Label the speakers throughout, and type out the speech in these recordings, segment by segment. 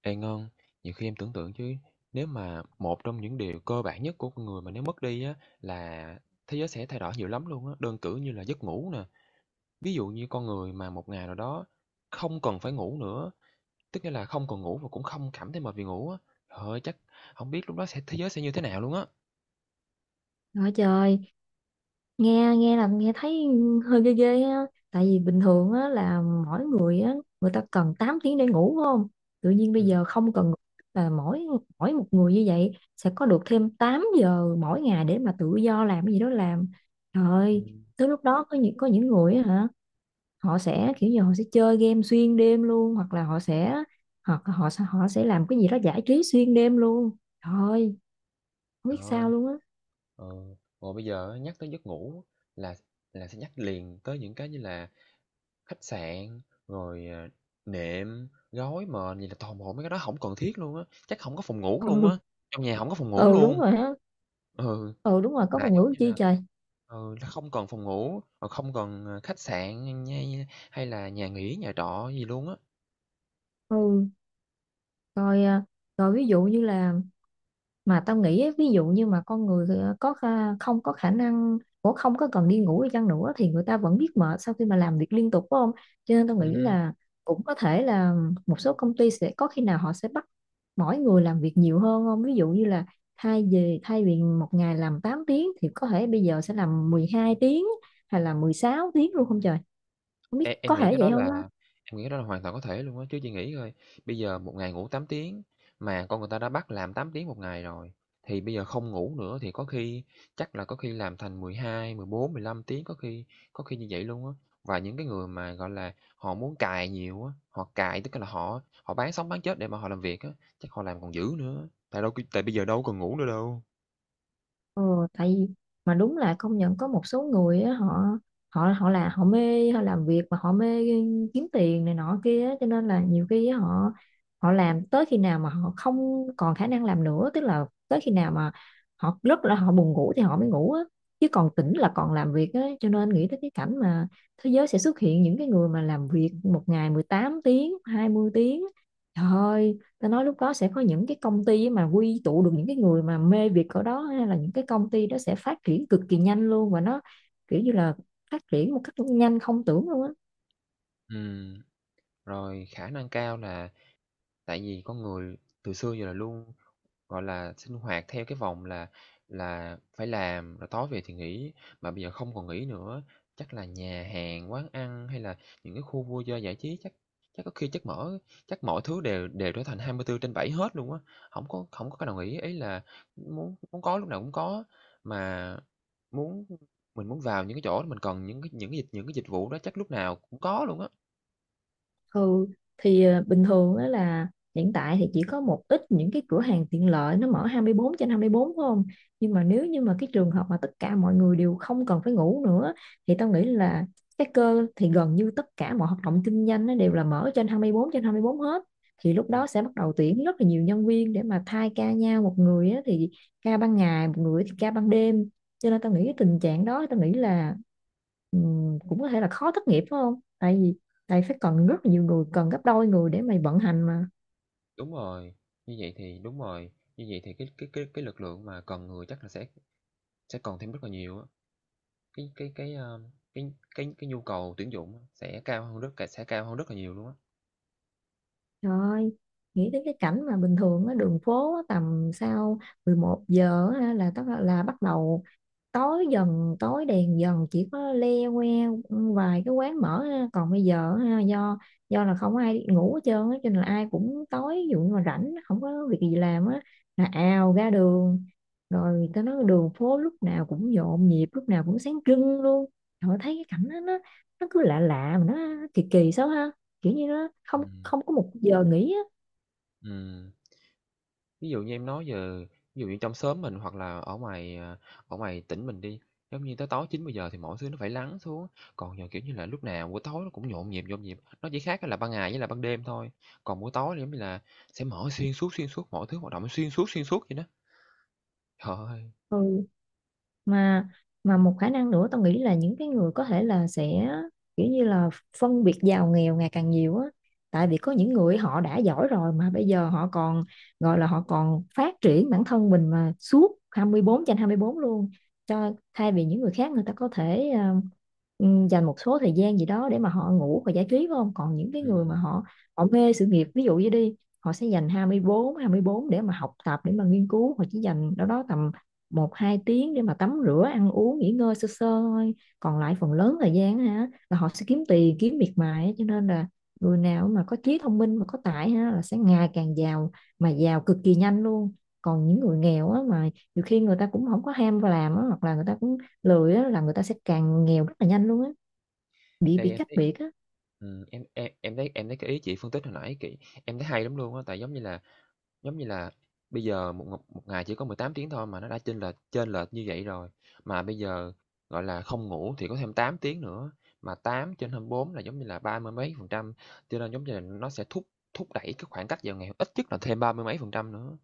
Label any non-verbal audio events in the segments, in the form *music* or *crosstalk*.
Speaker 1: Ê Ngân, nhiều khi em tưởng tượng chứ nếu mà một trong những điều cơ bản nhất của con người mà nếu mất đi á là thế giới sẽ thay đổi nhiều lắm luôn á, đơn cử như là giấc ngủ nè. Ví dụ như con người mà một ngày nào đó không cần phải ngủ nữa, tức nghĩa là không còn ngủ và cũng không cảm thấy mệt vì ngủ á. Trời ơi, chắc không biết lúc đó thế giới sẽ như thế nào luôn á.
Speaker 2: Nói trời, nghe nghe là nghe thấy hơi ghê ghê ha. Tại vì bình thường á, là mỗi người á, người ta cần 8 tiếng để ngủ phải không? Tự nhiên
Speaker 1: Ừ.
Speaker 2: bây giờ không cần ngủ. Là mỗi mỗi một người như vậy sẽ có được thêm 8 giờ mỗi ngày để mà tự do làm cái gì đó làm. Trời
Speaker 1: Ừ.
Speaker 2: ơi, tới lúc đó có những người á hả, họ sẽ kiểu như họ sẽ chơi game xuyên đêm luôn hoặc là họ sẽ làm cái gì đó giải trí xuyên đêm luôn. Trời ơi, không
Speaker 1: Trời
Speaker 2: biết sao
Speaker 1: ơi,
Speaker 2: luôn á.
Speaker 1: ờ, rồi bây giờ á, nhắc tới giấc ngủ là là sẽ nhắc liền tới những cái như là khách sạn, rồi, nệm, gối, mền, gì là toàn bộ mấy cái đó không cần thiết luôn á, chắc không có phòng ngủ
Speaker 2: Ừ.
Speaker 1: luôn á,
Speaker 2: *laughs*
Speaker 1: trong nhà không có phòng ngủ
Speaker 2: Ừ, đúng
Speaker 1: luôn.
Speaker 2: rồi á.
Speaker 1: Ừ,
Speaker 2: Ừ đúng rồi có
Speaker 1: là
Speaker 2: ngôn
Speaker 1: giống
Speaker 2: ngủ
Speaker 1: như
Speaker 2: chi
Speaker 1: là
Speaker 2: trời.
Speaker 1: là không cần phòng ngủ, rồi không cần, khách sạn hay hay là nhà nghỉ, nhà trọ gì luôn á.
Speaker 2: Ừ, rồi à, rồi ví dụ như là mà tao nghĩ á, ví dụ như mà con người à, không có khả năng cũng không có cần đi ngủ đi chăng nữa thì người ta vẫn biết mệt sau khi mà làm việc liên tục phải không? Cho nên tao nghĩ
Speaker 1: Ừm.
Speaker 2: là cũng có thể là một số công ty sẽ có khi nào họ sẽ bắt mỗi người làm việc nhiều hơn không, ví dụ như là thay vì một ngày làm 8 tiếng thì có thể bây giờ sẽ làm 12 tiếng hay là 16 tiếng luôn không trời, không biết
Speaker 1: Em
Speaker 2: có
Speaker 1: em nghĩ
Speaker 2: thể
Speaker 1: cái
Speaker 2: vậy
Speaker 1: đó
Speaker 2: không.
Speaker 1: là hoàn toàn có thể luôn á, chứ chị nghĩ coi, bây giờ một ngày ngủ 8 tiếng, mà con người ta đã bắt làm 8 tiếng một ngày rồi, thì bây giờ không ngủ nữa thì có khi chắc là có khi làm thành mười mười hai, mười bốn, mười lăm tiếng, có khi như vậy luôn á. Và những cái người mà, gọi là, họ muốn cày nhiều á, họ cày tức là họ họ bán sống bán chết để mà họ làm việc á, chắc họ làm còn dữ nữa, tại đâu tại bây giờ đâu còn ngủ nữa đâu.
Speaker 2: Ờ, tại vì mà đúng là công nhận có một số người á, họ họ họ là họ mê họ làm việc mà họ mê kiếm tiền này nọ kia á, cho nên là nhiều khi á, họ họ làm tới khi nào mà họ không còn khả năng làm nữa, tức là tới khi nào mà họ rất là họ buồn ngủ thì họ mới ngủ á, chứ còn tỉnh là còn làm việc á. Cho nên nghĩ tới cái cảnh mà thế giới sẽ xuất hiện những cái người mà làm việc một ngày 18 tiếng 20 tiếng, trời ơi, ta nói lúc đó sẽ có những cái công ty mà quy tụ được những cái người mà mê việc ở đó, hay là những cái công ty đó sẽ phát triển cực kỳ nhanh luôn và nó kiểu như là phát triển một cách nhanh không tưởng luôn á.
Speaker 1: Ừ, rồi khả năng cao là tại vì con người từ xưa giờ là luôn, gọi là, sinh hoạt theo cái vòng là phải làm, rồi tối về thì nghỉ, mà bây giờ không còn nghỉ nữa. Chắc là nhà hàng, quán ăn hay là những cái khu vui chơi giải trí chắc chắc có khi chắc mọi thứ đều đều trở thành 24/7 hết luôn á, không có cái nào nghỉ. Ý là muốn muốn có lúc nào cũng có, mà muốn mình muốn vào những cái chỗ đó mình cần những cái dịch vụ đó chắc lúc nào cũng có luôn á.
Speaker 2: Ừ, thì bình thường đó là hiện tại thì chỉ có một ít những cái cửa hàng tiện lợi nó mở 24 trên 24 phải không? Nhưng mà nếu như mà cái trường hợp mà tất cả mọi người đều không cần phải ngủ nữa thì tao nghĩ là cái cơ thì gần như tất cả mọi hoạt động kinh doanh nó đều là mở trên 24 trên 24 hết. Thì lúc
Speaker 1: Ừm.
Speaker 2: đó sẽ bắt đầu tuyển rất là nhiều nhân viên để mà thay ca nhau, một người á, thì ca ban ngày, một người thì ca ban đêm. Cho nên tao nghĩ cái tình trạng đó tao nghĩ là ừ, cũng có thể là khó thất nghiệp phải không? Tại vì tại phải cần rất là nhiều người, cần gấp đôi người để mày vận hành mà.
Speaker 1: Đúng rồi, như vậy thì đúng rồi, như vậy thì cái lực lượng mà cần người chắc là sẽ còn thêm rất là nhiều á. Cái, a, cái cái nhu cầu tuyển dụng á sẽ cao hơn rất là nhiều luôn á.
Speaker 2: Trời ơi, nghĩ đến cái cảnh mà bình thường á, đường phố á, tầm sau 11 giờ á, là tất là bắt đầu tối dần, tối đèn dần, chỉ có le que, ừ, vài cái quán mở ha. Còn bây giờ ha, do là không ai ngủ hết trơn á cho nên là ai cũng tối, ví dụ như mà rảnh không có việc gì làm á là ào ra đường, rồi tao nói đường phố lúc nào cũng nhộn nhịp, lúc nào cũng sáng trưng luôn. Rồi thấy cái cảnh đó, nó cứ lạ lạ mà nó kỳ kỳ sao ha, kiểu như nó không
Speaker 1: Ừm.
Speaker 2: không có một giờ nghỉ á.
Speaker 1: Ừm, ví dụ như em nói giờ ví dụ như trong xóm mình hoặc là ở ngoài tỉnh mình đi, giống như tới tối 900 giờ thì mọi thứ nó phải lắng xuống, còn giờ, kiểu như là, lúc nào buổi tối nó cũng nhộn nhịp, nó chỉ khác là ban ngày với là ban đêm thôi, còn buổi tối thì giống như là sẽ mở xuyên suốt, mọi thứ hoạt động xuyên suốt vậy đó. Trời ơi!
Speaker 2: Ừ, mà mà một khả năng nữa tao nghĩ là những cái người có thể là sẽ kiểu như là phân biệt giàu nghèo ngày càng nhiều á, tại vì có những người họ đã giỏi rồi mà bây giờ họ còn gọi là họ còn phát triển bản thân mình mà suốt 24/24 luôn, cho thay vì những người khác người ta có thể dành một số thời gian gì đó để mà họ ngủ và giải trí phải không. Còn những cái người mà
Speaker 1: Ừm,
Speaker 2: họ họ mê sự nghiệp ví dụ như đi, họ sẽ dành hai hai mươi bốn để mà học tập để mà nghiên cứu, họ chỉ dành đâu đó tầm một hai tiếng để mà tắm rửa ăn uống nghỉ ngơi sơ sơ thôi, còn lại phần lớn thời gian ha là họ sẽ kiếm tiền kiếm miệt mài á. Cho nên là người nào mà có trí thông minh mà có tài ha là sẽ ngày càng giàu, mà giàu cực kỳ nhanh luôn. Còn những người nghèo á, mà nhiều khi người ta cũng không có ham vào làm á, hoặc là người ta cũng lười á, là người ta sẽ càng nghèo rất là nhanh luôn á, bị
Speaker 1: ê,
Speaker 2: bị cách biệt á.
Speaker 1: em thấy cái ý chị phân tích hồi nãy, kỹ em thấy hay lắm luôn á, tại giống như là bây giờ một một một ngày chỉ có 18 tiếng thôi mà nó đã chênh lệch như vậy rồi, mà bây giờ, gọi là, không ngủ thì có thêm 8 tiếng nữa, mà 8/24 là giống như là ba mươi mấy phần trăm, cho nên giống như là nó sẽ thúc thúc đẩy cái khoảng cách vào ngày ít nhất là thêm ba mươi mấy phần trăm nữa.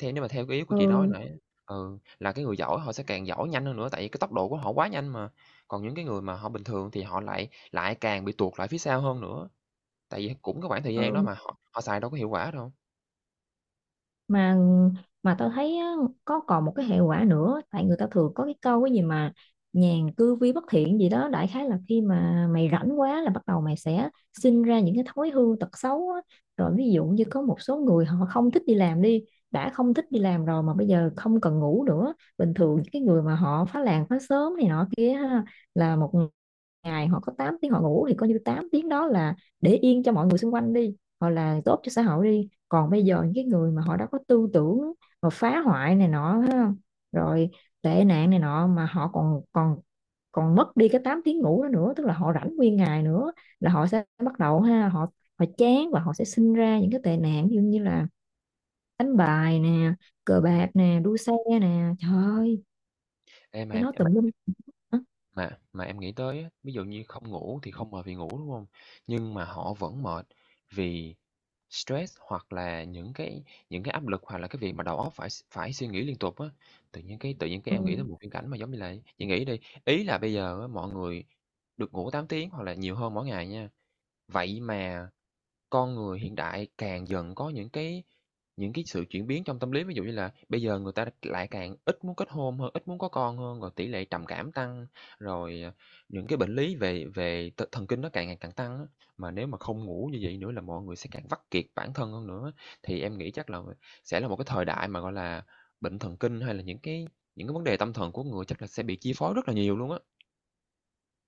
Speaker 1: Theo nếu mà theo cái ý của chị nói
Speaker 2: Ừ,
Speaker 1: nãy. Ừ, là cái người giỏi họ sẽ càng giỏi nhanh hơn nữa, tại vì cái tốc độ của họ quá nhanh mà. Còn những cái người mà họ bình thường thì họ lại lại càng bị tuột lại phía sau hơn nữa, tại vì cũng cái khoảng thời gian đó
Speaker 2: ừ,
Speaker 1: mà họ họ xài đâu có hiệu quả đâu.
Speaker 2: mà mà tao thấy á, có còn một cái hệ quả nữa, tại người ta thường có cái câu cái gì mà nhàn cư vi bất thiện gì đó, đại khái là khi mà mày rảnh quá là bắt đầu mày sẽ sinh ra những cái thói hư tật xấu á. Rồi ví dụ như có một số người họ không thích đi làm đi, đã không thích đi làm rồi mà bây giờ không cần ngủ nữa, bình thường những cái người mà họ phá làng phá xóm này nọ kia ha, là một ngày họ có 8 tiếng họ ngủ thì coi như 8 tiếng đó là để yên cho mọi người xung quanh đi hoặc là tốt cho xã hội đi. Còn bây giờ những cái người mà họ đã có tư tưởng mà phá hoại này nọ thấy không? Rồi tệ nạn này nọ mà họ còn còn còn mất đi cái 8 tiếng ngủ đó nữa, tức là họ rảnh nguyên ngày nữa, là họ sẽ bắt đầu ha, họ họ chán và họ sẽ sinh ra những cái tệ nạn như như là đánh bài nè, cờ bạc
Speaker 1: Ừm,
Speaker 2: nè, đua xe nè, trời
Speaker 1: ừm.
Speaker 2: ơi,
Speaker 1: Ê, mà
Speaker 2: cái
Speaker 1: em
Speaker 2: nó tùm lum.
Speaker 1: Mà mà em nghĩ tới á, ví dụ như không ngủ thì không mệt vì ngủ, đúng không? Nhưng mà họ vẫn mệt vì stress hoặc là những cái áp lực hoặc là cái việc mà đầu óc phải suy nghĩ liên tục á. Tự nhiên cái
Speaker 2: Ừ.
Speaker 1: em nghĩ tới một viễn cảnh mà giống như là chị nghĩ đi, ý là bây giờ á mọi người được ngủ 8 tiếng hoặc là nhiều hơn mỗi ngày nha, vậy mà con người hiện đại càng dần có những cái sự chuyển biến trong tâm lý. Ví dụ như là bây giờ người ta lại càng ít muốn kết hôn hơn, ít muốn có con hơn, rồi tỷ lệ trầm cảm tăng, rồi, những cái bệnh lý về về thần kinh nó càng ngày càng tăng á. Mà nếu mà không ngủ như vậy nữa là mọi người sẽ càng vắt kiệt bản thân hơn nữa. Thì em nghĩ chắc là sẽ là một cái thời đại mà, gọi là, bệnh thần kinh hay là những cái vấn đề tâm thần của người chắc là sẽ bị chi phối rất là nhiều luôn á.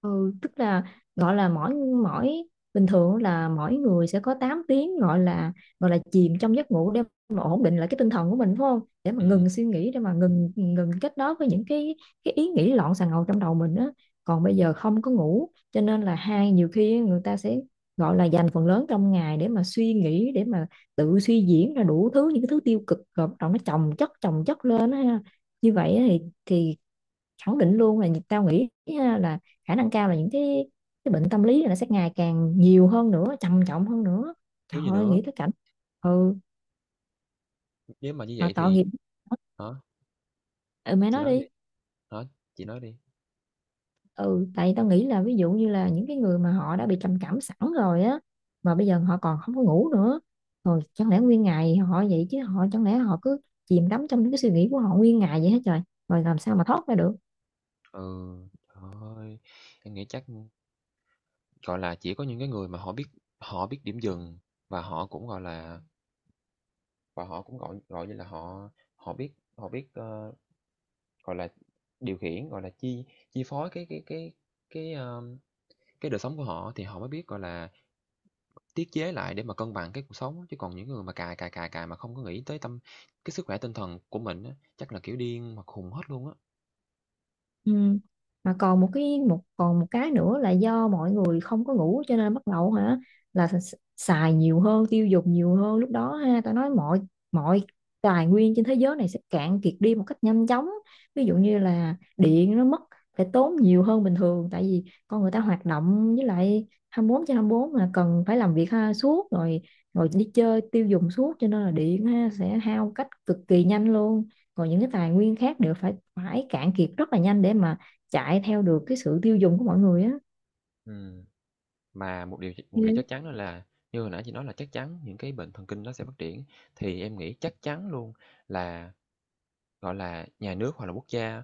Speaker 2: Ừ, tức là gọi là mỗi mỗi bình thường là mỗi người sẽ có 8 tiếng gọi là chìm trong giấc ngủ để mà ổn định lại cái tinh thần của mình phải không? Để mà
Speaker 1: Ừm,
Speaker 2: ngừng suy nghĩ, để mà ngừng ngừng kết nối với những cái ý nghĩ loạn xà ngầu trong đầu mình á. Còn bây giờ không có ngủ cho nên là hai nhiều khi người ta sẽ gọi là dành phần lớn trong ngày để mà suy nghĩ, để mà tự suy diễn ra đủ thứ những cái thứ tiêu cực rồi bắt đầu nó chồng chất lên á ha. Như vậy á thì khẳng định luôn là tao nghĩ là khả năng cao là những cái bệnh tâm lý này nó sẽ ngày càng nhiều hơn nữa, trầm trọng hơn nữa.
Speaker 1: kiểu
Speaker 2: Trời
Speaker 1: gì
Speaker 2: ơi
Speaker 1: nữa,
Speaker 2: nghĩ tới cảnh, ừ
Speaker 1: nếu mà như
Speaker 2: mà
Speaker 1: vậy
Speaker 2: tội
Speaker 1: thì
Speaker 2: nghiệp,
Speaker 1: hả?
Speaker 2: ừ mẹ
Speaker 1: Chị
Speaker 2: nói
Speaker 1: nói
Speaker 2: đi,
Speaker 1: đi. Hả? Chị nói đi.
Speaker 2: ừ tại tao nghĩ là ví dụ như là những cái người mà họ đã bị trầm cảm sẵn rồi á mà bây giờ họ còn không có ngủ nữa, rồi chẳng lẽ nguyên ngày họ vậy chứ, họ chẳng lẽ họ cứ chìm đắm trong những cái suy nghĩ của họ nguyên ngày vậy hết trời, rồi làm sao mà thoát ra được.
Speaker 1: Ừ, trời ơi, em nghĩ chắc, gọi là, chỉ có những cái người mà họ biết điểm dừng và họ cũng, gọi là, và họ cũng, gọi gọi như là, họ họ biết họ biết, gọi là, điều khiển, gọi là, chi chi phối cái, a, cái đời sống của họ thì họ mới biết, gọi là, tiết chế lại để mà cân bằng cái cuộc sống á. Chứ còn những người mà cài cài cài cài mà không có nghĩ tới cái sức khỏe tinh thần của mình á, chắc là, kiểu, điên mà khùng hết luôn á.
Speaker 2: Ừ. Mà còn một cái nữa là do mọi người không có ngủ cho nên bắt đầu hả là xài nhiều hơn tiêu dùng nhiều hơn, lúc đó ha tao nói mọi mọi tài nguyên trên thế giới này sẽ cạn kiệt đi một cách nhanh chóng. Ví dụ như là điện nó mất, phải tốn nhiều hơn bình thường tại vì con người ta hoạt động với lại 24/24 mà cần phải làm việc ha suốt rồi, rồi đi chơi tiêu dùng suốt cho nên là điện ha sẽ hao cách cực kỳ nhanh luôn, còn những cái tài nguyên khác đều phải phải cạn kiệt rất là nhanh để mà chạy theo được cái sự tiêu dùng của mọi người á.
Speaker 1: Ừm. Mà một điều chắc chắn đó là như hồi nãy chị nói là chắc chắn những cái bệnh thần kinh nó sẽ phát triển, thì em nghĩ chắc chắn luôn là gọi là, nhà nước hoặc là quốc gia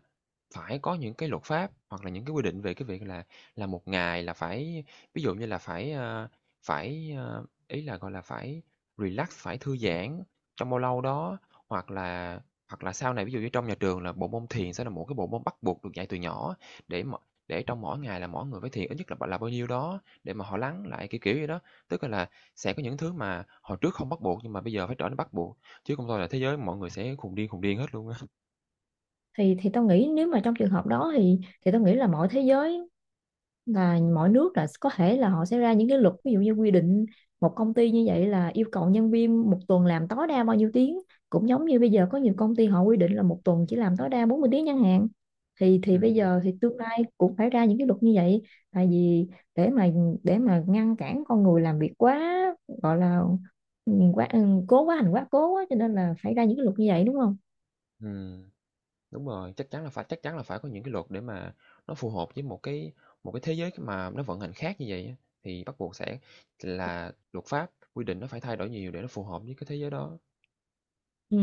Speaker 1: phải có những cái luật pháp hoặc là những cái quy định về cái việc là một ngày là phải ví dụ như là phải, ý là, gọi là, phải relax, phải thư giãn trong bao lâu đó, hoặc là hoặc là sau này ví dụ như trong nhà trường là bộ môn thiền sẽ là một cái bộ môn bắt buộc được dạy từ nhỏ để m để trong mỗi ngày là mỗi người phải thiền ít nhất là b là bao nhiêu đó để mà họ lắng lại, kiểu như đó. Tức là sẽ có những thứ mà hồi trước không bắt buộc nhưng mà bây giờ phải trở nên bắt buộc, chứ không thôi là thế giới mọi người sẽ khùng điên hết luôn á.
Speaker 2: Thì tao nghĩ nếu mà trong trường hợp đó thì tao nghĩ là mọi thế giới là mỗi nước là có thể là họ sẽ ra những cái luật ví dụ như quy định một công ty như vậy là yêu cầu nhân viên một tuần làm tối đa bao nhiêu tiếng, cũng giống như bây giờ có nhiều công ty họ quy định là một tuần chỉ làm tối đa 40 tiếng chẳng hạn. Thì bây
Speaker 1: Ừm,
Speaker 2: giờ thì tương lai cũng phải ra những cái luật như vậy tại vì để mà để mà ngăn cản con người làm việc quá gọi là ừ, quá ừ, cố quá hành quá cố quá cho nên là phải ra những cái luật như vậy đúng không.
Speaker 1: ừm, đúng rồi, chắc chắn là phải có những cái luật để mà nó phù hợp với một cái thế giới mà nó vận hành khác như vậy á, thì bắt buộc sẽ là luật pháp, quy định nó phải thay đổi nhiều để nó phù hợp với cái thế giới đó.
Speaker 2: Ừ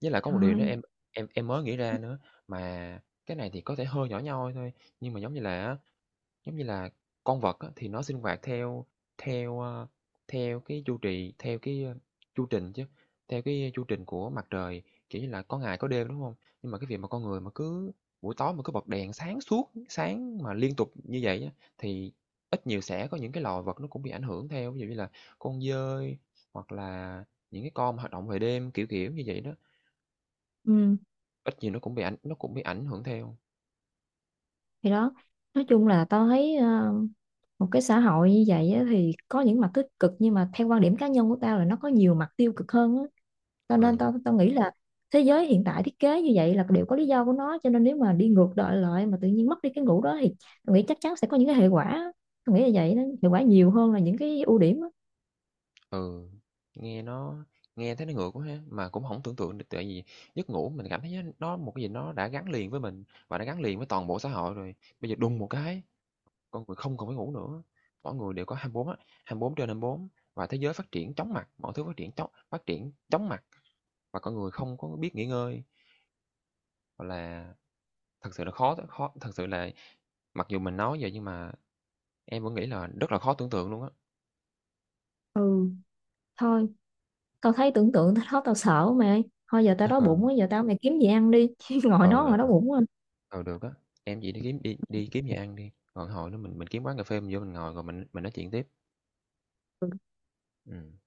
Speaker 1: Với lại có một điều nữa
Speaker 2: rồi,
Speaker 1: em em mới nghĩ ra nữa, mà cái này thì có thể hơi nhỏ nhoi thôi, nhưng mà giống như là con vật á, thì nó sinh hoạt theo theo, ơ, theo cái chu trì chu trình chứ, theo cái chu trình của mặt trời, kiểu như là, có ngày có đêm, đúng không? Nhưng mà cái việc mà con người mà cứ buổi tối mà cứ bật đèn sáng suốt, sáng mà liên tục như vậy á, thì ít nhiều sẽ có những cái loài vật nó cũng bị ảnh hưởng theo. Ví dụ như là con dơi hoặc là những cái con mà hoạt động về đêm, kiểu như vậy đó,
Speaker 2: ừ
Speaker 1: ít nhiều nó cũng bị ảnh hưởng theo.
Speaker 2: thì đó, nói chung là tao thấy một cái xã hội như vậy á, thì có những mặt tích cực nhưng mà theo quan điểm cá nhân của tao là nó có nhiều mặt tiêu cực hơn á. Cho nên
Speaker 1: Ừ.
Speaker 2: tao tao nghĩ là thế giới hiện tại thiết kế như vậy là đều có lý do của nó, cho nên nếu mà đi ngược đợi lại mà tự nhiên mất đi cái ngủ đó thì tao nghĩ chắc chắn sẽ có những cái hệ quả á. Tao nghĩ là vậy đó, hệ quả nhiều hơn là những cái ưu điểm á.
Speaker 1: Ừ, nghe nó nghe thấy nó ngược quá ha, mà cũng không tưởng tượng được tại vì giấc ngủ mình cảm thấy nó một cái gì nó đã gắn liền với mình và nó gắn liền với toàn bộ xã hội rồi. Bây giờ đùng một cái, con người không còn phải ngủ nữa, mỗi người đều có 24 á, 24/24 và thế giới phát triển chóng mặt, mọi thứ phát triển chóng mặt và con người không có biết nghỉ ngơi, hoặc là, thật sự là khó khó thật sự là mặc dù mình nói vậy nhưng mà em vẫn nghĩ là rất là khó tưởng tượng luôn á.
Speaker 2: Ừ thôi, tao thấy tưởng tượng tới đó tao sợ mày. Thôi giờ tao đói bụng quá,
Speaker 1: *laughs*
Speaker 2: giờ tao mày kiếm gì ăn đi *laughs* chứ ngồi
Speaker 1: Ừ,
Speaker 2: nó mà đói
Speaker 1: ừ.
Speaker 2: bụng quá.
Speaker 1: Ờ được á, em chỉ đi kiếm gì ăn đi, còn hồi đó mình kiếm quán cà phê mình vô mình ngồi rồi mình nói chuyện tiếp. Ừm.